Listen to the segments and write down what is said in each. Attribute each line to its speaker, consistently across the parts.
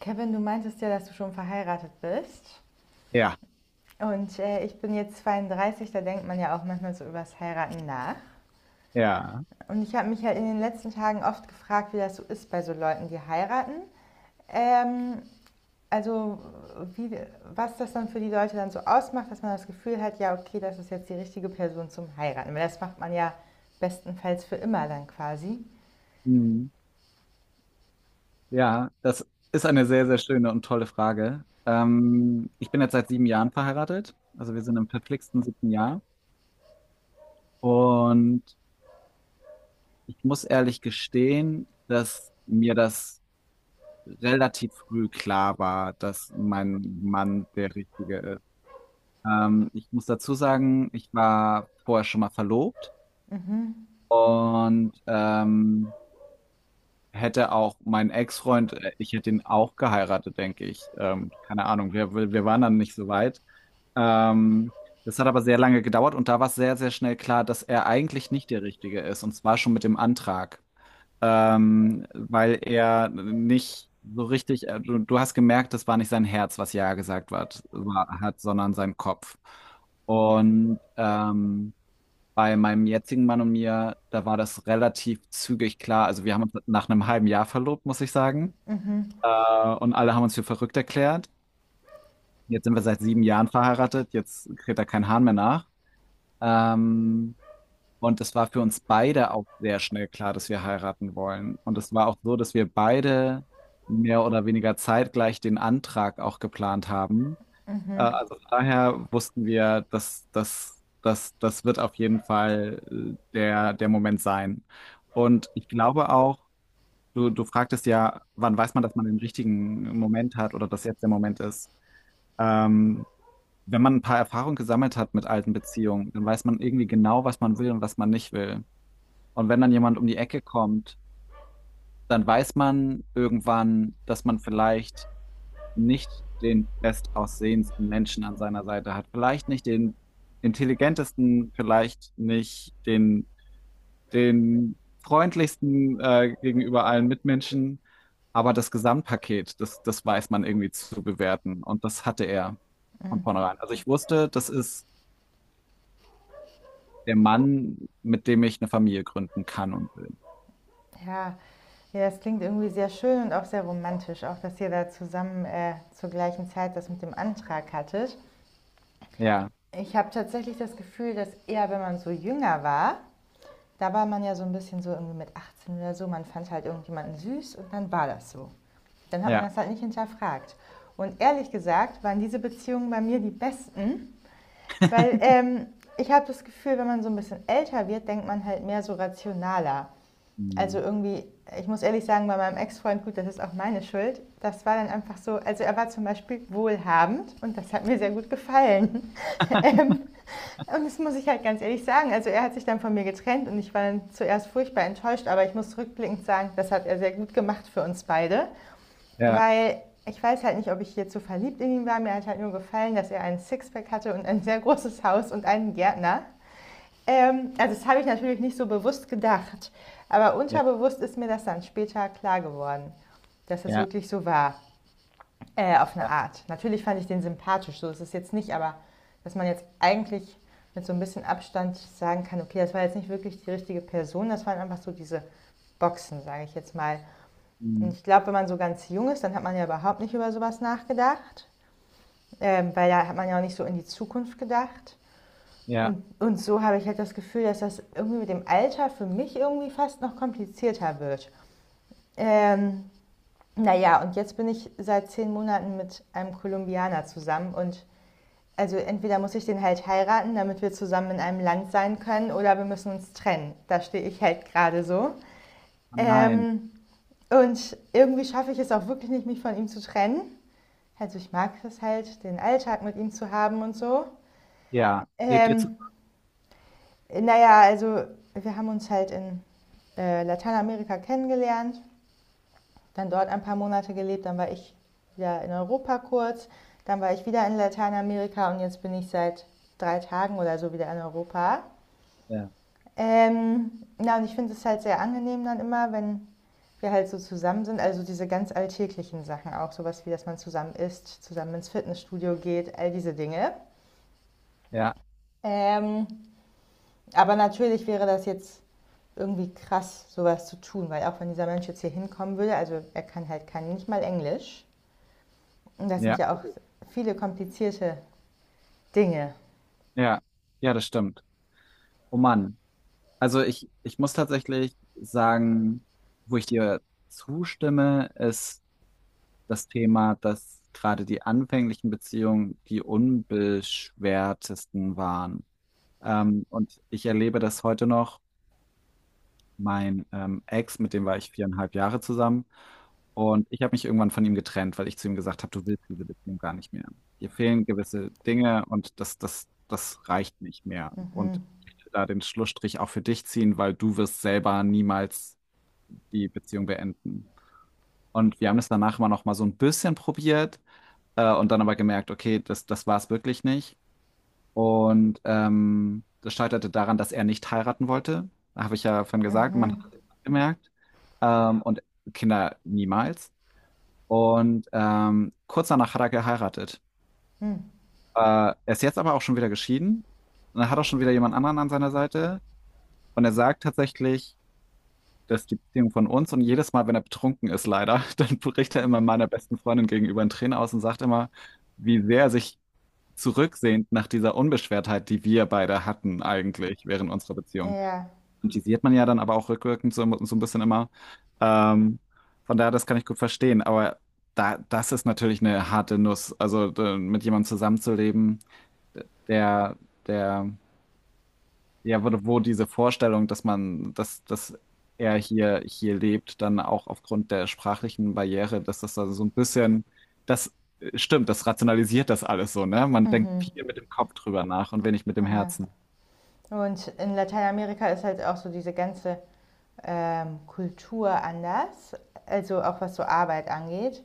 Speaker 1: Kevin, du meintest ja, dass du schon verheiratet bist.
Speaker 2: Ja,
Speaker 1: Und ich bin jetzt 32, da denkt man ja auch manchmal so übers Heiraten nach.
Speaker 2: ja,
Speaker 1: Und ich habe mich ja in den letzten Tagen oft gefragt, wie das so ist bei so Leuten, die heiraten. Ähm, also wie, was das dann für die Leute dann so ausmacht, dass man das Gefühl hat, ja, okay, das ist jetzt die richtige Person zum Heiraten. Weil das macht man ja bestenfalls für immer dann quasi.
Speaker 2: mhm. Ja, das ist eine sehr, sehr schöne und tolle Frage. Ich bin jetzt seit 7 Jahren verheiratet, also wir sind im verflixten siebten Jahr und ich muss ehrlich gestehen, dass mir das relativ früh klar war, dass mein Mann der Richtige ist. Ich muss dazu sagen, ich war vorher schon mal verlobt und hätte auch mein Ex-Freund, ich hätte ihn auch geheiratet, denke ich. Keine Ahnung, wir waren dann nicht so weit. Ähm, das hat aber sehr lange gedauert und da war es sehr, sehr schnell klar, dass er eigentlich nicht der Richtige ist, und zwar schon mit dem Antrag. Weil er nicht so richtig, du hast gemerkt, das war nicht sein Herz, was Ja gesagt hat, sondern sein Kopf. Und bei meinem jetzigen Mann und mir, da war das relativ zügig klar. Also wir haben uns nach einem halben Jahr verlobt, muss ich sagen. Äh, und alle haben uns für verrückt erklärt. Jetzt sind wir seit 7 Jahren verheiratet. Jetzt kräht da kein Hahn mehr nach. Ähm, und es war für uns beide auch sehr schnell klar, dass wir heiraten wollen. Und es war auch so, dass wir beide mehr oder weniger zeitgleich den Antrag auch geplant haben. Also von daher wussten wir, dass das wird auf jeden Fall der Moment sein. Und ich glaube auch, du fragtest ja, wann weiß man, dass man den richtigen Moment hat oder dass jetzt der Moment ist. Ähm, wenn man ein paar Erfahrungen gesammelt hat mit alten Beziehungen, dann weiß man irgendwie genau, was man will und was man nicht will. Und wenn dann jemand um die Ecke kommt, dann weiß man irgendwann, dass man vielleicht nicht den bestaussehendsten Menschen an seiner Seite hat, vielleicht nicht den intelligentesten, vielleicht nicht den, den freundlichsten gegenüber allen Mitmenschen, aber das Gesamtpaket, das weiß man irgendwie zu bewerten und das hatte er von vornherein. Also ich wusste, das ist der Mann, mit dem ich eine Familie gründen kann und will.
Speaker 1: Ja, ja, das klingt irgendwie sehr schön und auch sehr romantisch, auch dass ihr da zusammen zur gleichen Zeit das mit dem Antrag hattet.
Speaker 2: Ja.
Speaker 1: Ich habe tatsächlich das Gefühl, dass eher, wenn man so jünger war, da war man ja so ein bisschen so irgendwie mit 18 oder so, man fand halt irgendjemanden süß und dann war das so. Dann hat man
Speaker 2: Ja.
Speaker 1: das halt nicht hinterfragt. Und ehrlich gesagt waren diese Beziehungen bei mir die besten, weil ich habe das Gefühl, wenn man so ein bisschen älter wird, denkt man halt mehr so rationaler. Also
Speaker 2: Hm.
Speaker 1: irgendwie, ich muss ehrlich sagen, bei meinem Ex-Freund, gut, das ist auch meine Schuld. Das war dann einfach so, also er war zum Beispiel wohlhabend und das hat mir sehr gut gefallen. ähm, und das muss ich halt ganz ehrlich sagen. Also er hat sich dann von mir getrennt und ich war dann zuerst furchtbar enttäuscht, aber ich muss rückblickend sagen, das hat er sehr gut gemacht für uns beide,
Speaker 2: Ja.
Speaker 1: weil ich weiß halt nicht, ob ich hier zu verliebt in ihn war. Mir hat halt nur gefallen, dass er einen Sixpack hatte und ein sehr großes Haus und einen Gärtner. Also das habe ich natürlich nicht so bewusst gedacht, aber
Speaker 2: Ja.
Speaker 1: unterbewusst ist mir das dann später klar geworden, dass das
Speaker 2: Ja.
Speaker 1: wirklich so war, auf eine
Speaker 2: Ja.
Speaker 1: Art. Natürlich fand ich den sympathisch, so ist es jetzt nicht, aber dass man jetzt eigentlich mit so ein bisschen Abstand sagen kann, okay, das war jetzt nicht wirklich die richtige Person, das waren einfach so diese Boxen, sage ich jetzt mal. Und
Speaker 2: Hm.
Speaker 1: ich glaube, wenn man so ganz jung ist, dann hat man ja überhaupt nicht über sowas nachgedacht, weil da hat man ja auch nicht so in die Zukunft gedacht.
Speaker 2: Ja.
Speaker 1: Und so habe ich halt das Gefühl, dass das irgendwie mit dem Alter für mich irgendwie fast noch komplizierter wird. Ähm, naja, und jetzt bin ich seit 10 Monaten mit einem Kolumbianer zusammen und also entweder muss ich den halt heiraten, damit wir zusammen in einem Land sein können, oder wir müssen uns trennen. Da stehe ich halt gerade so.
Speaker 2: Oh nein.
Speaker 1: Ähm, und irgendwie schaffe ich es auch wirklich nicht, mich von ihm zu trennen. Also ich mag es halt, den Alltag mit ihm zu haben und so.
Speaker 2: Ja, lebt ihr
Speaker 1: Ähm,
Speaker 2: zusammen?
Speaker 1: Naja, also wir haben uns halt in Lateinamerika kennengelernt, dann dort ein paar Monate gelebt, dann war ich wieder in Europa kurz, dann war ich wieder in Lateinamerika und jetzt bin ich seit 3 Tagen oder so wieder in Europa.
Speaker 2: Ja,
Speaker 1: Na, und ich finde es halt sehr angenehm dann immer, wenn wir halt so zusammen sind, also diese ganz alltäglichen Sachen auch, sowas wie, dass man zusammen isst, zusammen ins Fitnessstudio geht, all diese Dinge.
Speaker 2: ja.
Speaker 1: Ähm, aber natürlich wäre das jetzt irgendwie krass, sowas zu tun, weil auch wenn dieser Mensch jetzt hier hinkommen würde, also er kann halt kann nicht mal Englisch. Und das sind
Speaker 2: Ja.
Speaker 1: ja auch viele komplizierte Dinge.
Speaker 2: Ja, ja, das stimmt. Oh Mann. Also ich muss tatsächlich sagen, wo ich dir zustimme, ist das Thema, dass gerade die anfänglichen Beziehungen die unbeschwertesten waren. Und ich erlebe das heute noch. Mein Ex, mit dem war ich 4,5 Jahre zusammen. Und ich habe mich irgendwann von ihm getrennt, weil ich zu ihm gesagt habe, du willst diese Beziehung gar nicht mehr. Dir fehlen gewisse Dinge und das reicht nicht mehr. Und
Speaker 1: Mhm.
Speaker 2: ich möchte da den Schlussstrich auch für dich ziehen, weil du wirst selber niemals die Beziehung beenden. Und wir haben es danach immer noch mal so ein bisschen probiert und dann aber gemerkt, okay, das war es wirklich nicht. Und das scheiterte daran, dass er nicht heiraten wollte. Habe ich ja vorhin gesagt, man hat
Speaker 1: Mhm.
Speaker 2: es gemerkt. Und Kinder niemals. Und kurz danach hat er geheiratet.
Speaker 1: Mhm.
Speaker 2: Er ist jetzt aber auch schon wieder geschieden. Und er hat auch schon wieder jemand anderen an seiner Seite. Und er sagt tatsächlich, dass die Beziehung von uns und jedes Mal, wenn er betrunken ist, leider, dann bricht er immer meiner besten Freundin gegenüber in Tränen aus und sagt immer, wie sehr er sich zurücksehend nach dieser Unbeschwertheit, die wir beide hatten eigentlich während unserer Beziehung.
Speaker 1: Ja.
Speaker 2: Und die sieht man ja dann aber auch rückwirkend so, so ein bisschen immer. Ähm, von daher, das kann ich gut verstehen. Aber da, das ist natürlich eine harte Nuss. Also mit jemandem zusammenzuleben, der, der ja, wo diese Vorstellung, dass man, dass er hier lebt, dann auch aufgrund der sprachlichen Barriere, dass das da so ein bisschen, das stimmt, das rationalisiert das alles so, ne? Man denkt
Speaker 1: Mhm.
Speaker 2: viel mit dem Kopf drüber nach und wenig mit dem
Speaker 1: Ja.
Speaker 2: Herzen.
Speaker 1: Und in Lateinamerika ist halt auch so diese ganze Kultur anders, also auch was so Arbeit angeht.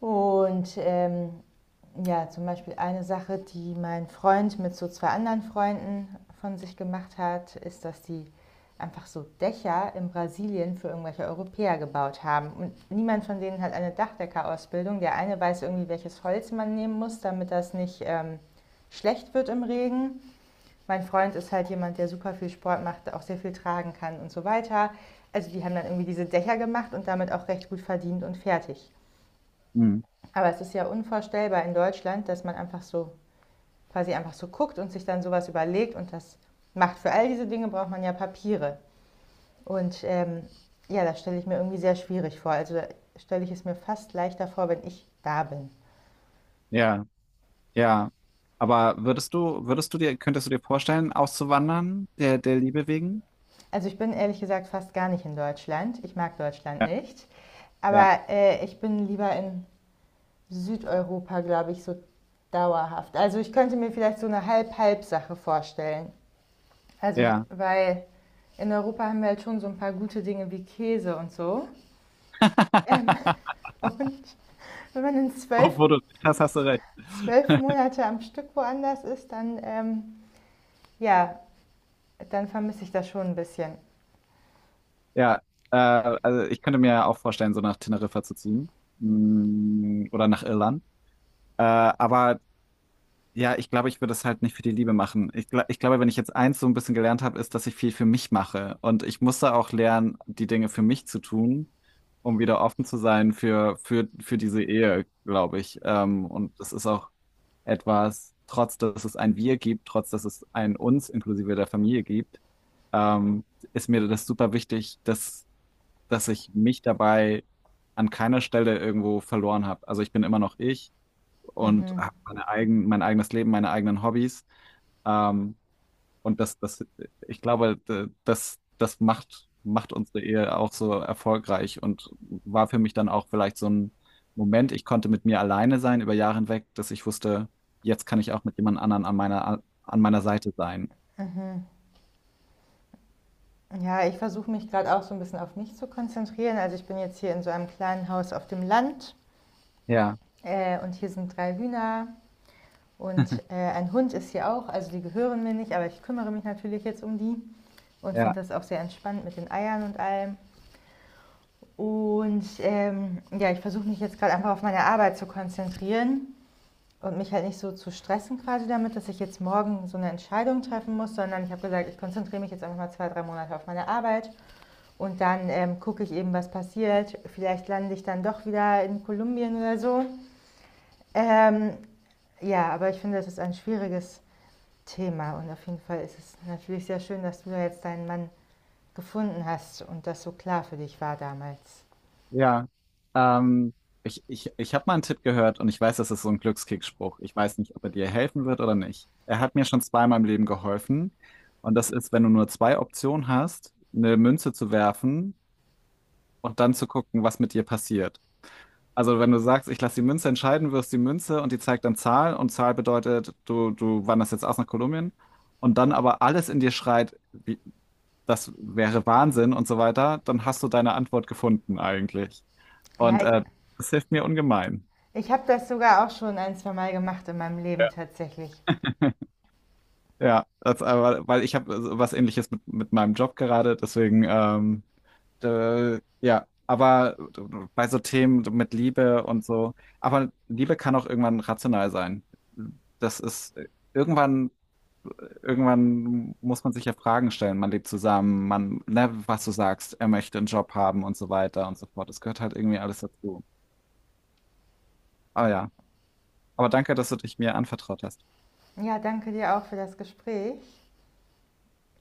Speaker 1: Und ja, zum Beispiel eine Sache, die mein Freund mit so zwei anderen Freunden von sich gemacht hat, ist, dass die einfach so Dächer in Brasilien für irgendwelche Europäer gebaut haben. Und niemand von denen hat eine Dachdeckerausbildung. Der eine weiß irgendwie, welches Holz man nehmen muss, damit das nicht schlecht wird im Regen. Mein Freund ist halt jemand, der super viel Sport macht, auch sehr viel tragen kann und so weiter. Also die haben dann irgendwie diese Dächer gemacht und damit auch recht gut verdient und fertig.
Speaker 2: Mhm.
Speaker 1: Aber es ist ja unvorstellbar in Deutschland, dass man einfach so quasi einfach so guckt und sich dann sowas überlegt und das macht. Für all diese Dinge braucht man ja Papiere. Und ja, das stelle ich mir irgendwie sehr schwierig vor. Also stelle ich es mir fast leichter vor, wenn ich da bin.
Speaker 2: Ja, ja. Aber könntest du dir vorstellen, auszuwandern, der Liebe wegen?
Speaker 1: Also ich bin ehrlich gesagt fast gar nicht in Deutschland. Ich mag Deutschland
Speaker 2: Ja,
Speaker 1: nicht.
Speaker 2: ja,
Speaker 1: Aber ich bin lieber in Südeuropa, glaube ich, so dauerhaft. Also ich könnte mir vielleicht so eine Halb-Halb-Sache vorstellen. Also ich,
Speaker 2: ja.
Speaker 1: weil in Europa haben wir halt schon so ein paar gute Dinge wie Käse und so. Und wenn man in
Speaker 2: Obwohl du, das hast du recht.
Speaker 1: 12 Monate am Stück woanders ist, dann, ja, dann vermisse ich das schon ein bisschen.
Speaker 2: Ja, also ich könnte mir ja auch vorstellen, so nach Teneriffa zu ziehen. Oder nach Irland. Aber ja, ich glaube, ich würde es halt nicht für die Liebe machen. Ich glaube, wenn ich jetzt eins so ein bisschen gelernt habe, ist, dass ich viel für mich mache. Und ich musste auch lernen, die Dinge für mich zu tun, um wieder offen zu sein für diese Ehe, glaube ich. Und das ist auch etwas, trotz dass es ein Wir gibt, trotz dass es ein Uns inklusive der Familie gibt, ähm, ist mir das super wichtig, dass ich mich dabei an keiner Stelle irgendwo verloren habe. Also ich bin immer noch ich und
Speaker 1: Mhm.
Speaker 2: habe mein eigenes Leben, meine eigenen Hobbys. Ähm, und ich glaube, das macht unsere Ehe auch so erfolgreich und war für mich dann auch vielleicht so ein Moment, ich konnte mit mir alleine sein über Jahre hinweg, dass ich wusste, jetzt kann ich auch mit jemand anderen an meiner Seite sein.
Speaker 1: Ja, ich versuche mich gerade auch so ein bisschen auf mich zu konzentrieren. Also ich bin jetzt hier in so einem kleinen Haus auf dem Land
Speaker 2: Ja,
Speaker 1: und hier sind drei Hühner und ein Hund ist hier auch. Also die gehören mir nicht, aber ich kümmere mich natürlich jetzt um die und
Speaker 2: ja.
Speaker 1: finde das auch sehr entspannt mit den Eiern und allem. Und ja, ich versuche mich jetzt gerade einfach auf meine Arbeit zu konzentrieren und mich halt nicht so zu stressen quasi damit, dass ich jetzt morgen so eine Entscheidung treffen muss, sondern ich habe gesagt, ich konzentriere mich jetzt einfach mal 2, 3 Monate auf meine Arbeit und dann gucke ich eben, was passiert. Vielleicht lande ich dann doch wieder in Kolumbien oder so. Ähm, ja, aber ich finde, das ist ein schwieriges Thema und auf jeden Fall ist es natürlich sehr schön, dass du da jetzt deinen Mann gefunden hast und das so klar für dich war damals.
Speaker 2: Ja, ähm, ich habe mal einen Tipp gehört und ich weiß, das ist so ein Glückskickspruch. Ich weiß nicht, ob er dir helfen wird oder nicht. Er hat mir schon zweimal im Leben geholfen. Und das ist, wenn du nur zwei Optionen hast, eine Münze zu werfen und dann zu gucken, was mit dir passiert. Also wenn du sagst, ich lasse die Münze entscheiden, wirfst die Münze und die zeigt dann Zahl und Zahl bedeutet, du wanderst jetzt aus nach Kolumbien und dann aber alles in dir schreit, wie, das wäre Wahnsinn und so weiter, dann hast du deine Antwort gefunden eigentlich.
Speaker 1: Ja,
Speaker 2: Und
Speaker 1: ich,
Speaker 2: äh, das hilft mir ungemein.
Speaker 1: Ich habe das sogar auch schon ein, zwei Mal gemacht in meinem Leben tatsächlich.
Speaker 2: Ja, das, aber, weil ich habe so was Ähnliches mit meinem Job gerade, deswegen, ja, aber bei so Themen mit Liebe und so, aber Liebe kann auch irgendwann rational sein. Das ist irgendwann muss man sich ja Fragen stellen. Man lebt zusammen, man, ne, was du sagst, er möchte einen Job haben und so weiter und so fort. Das gehört halt irgendwie alles dazu. Ah ja. Aber danke, dass du dich mir anvertraut hast.
Speaker 1: Ja, danke dir auch für das Gespräch.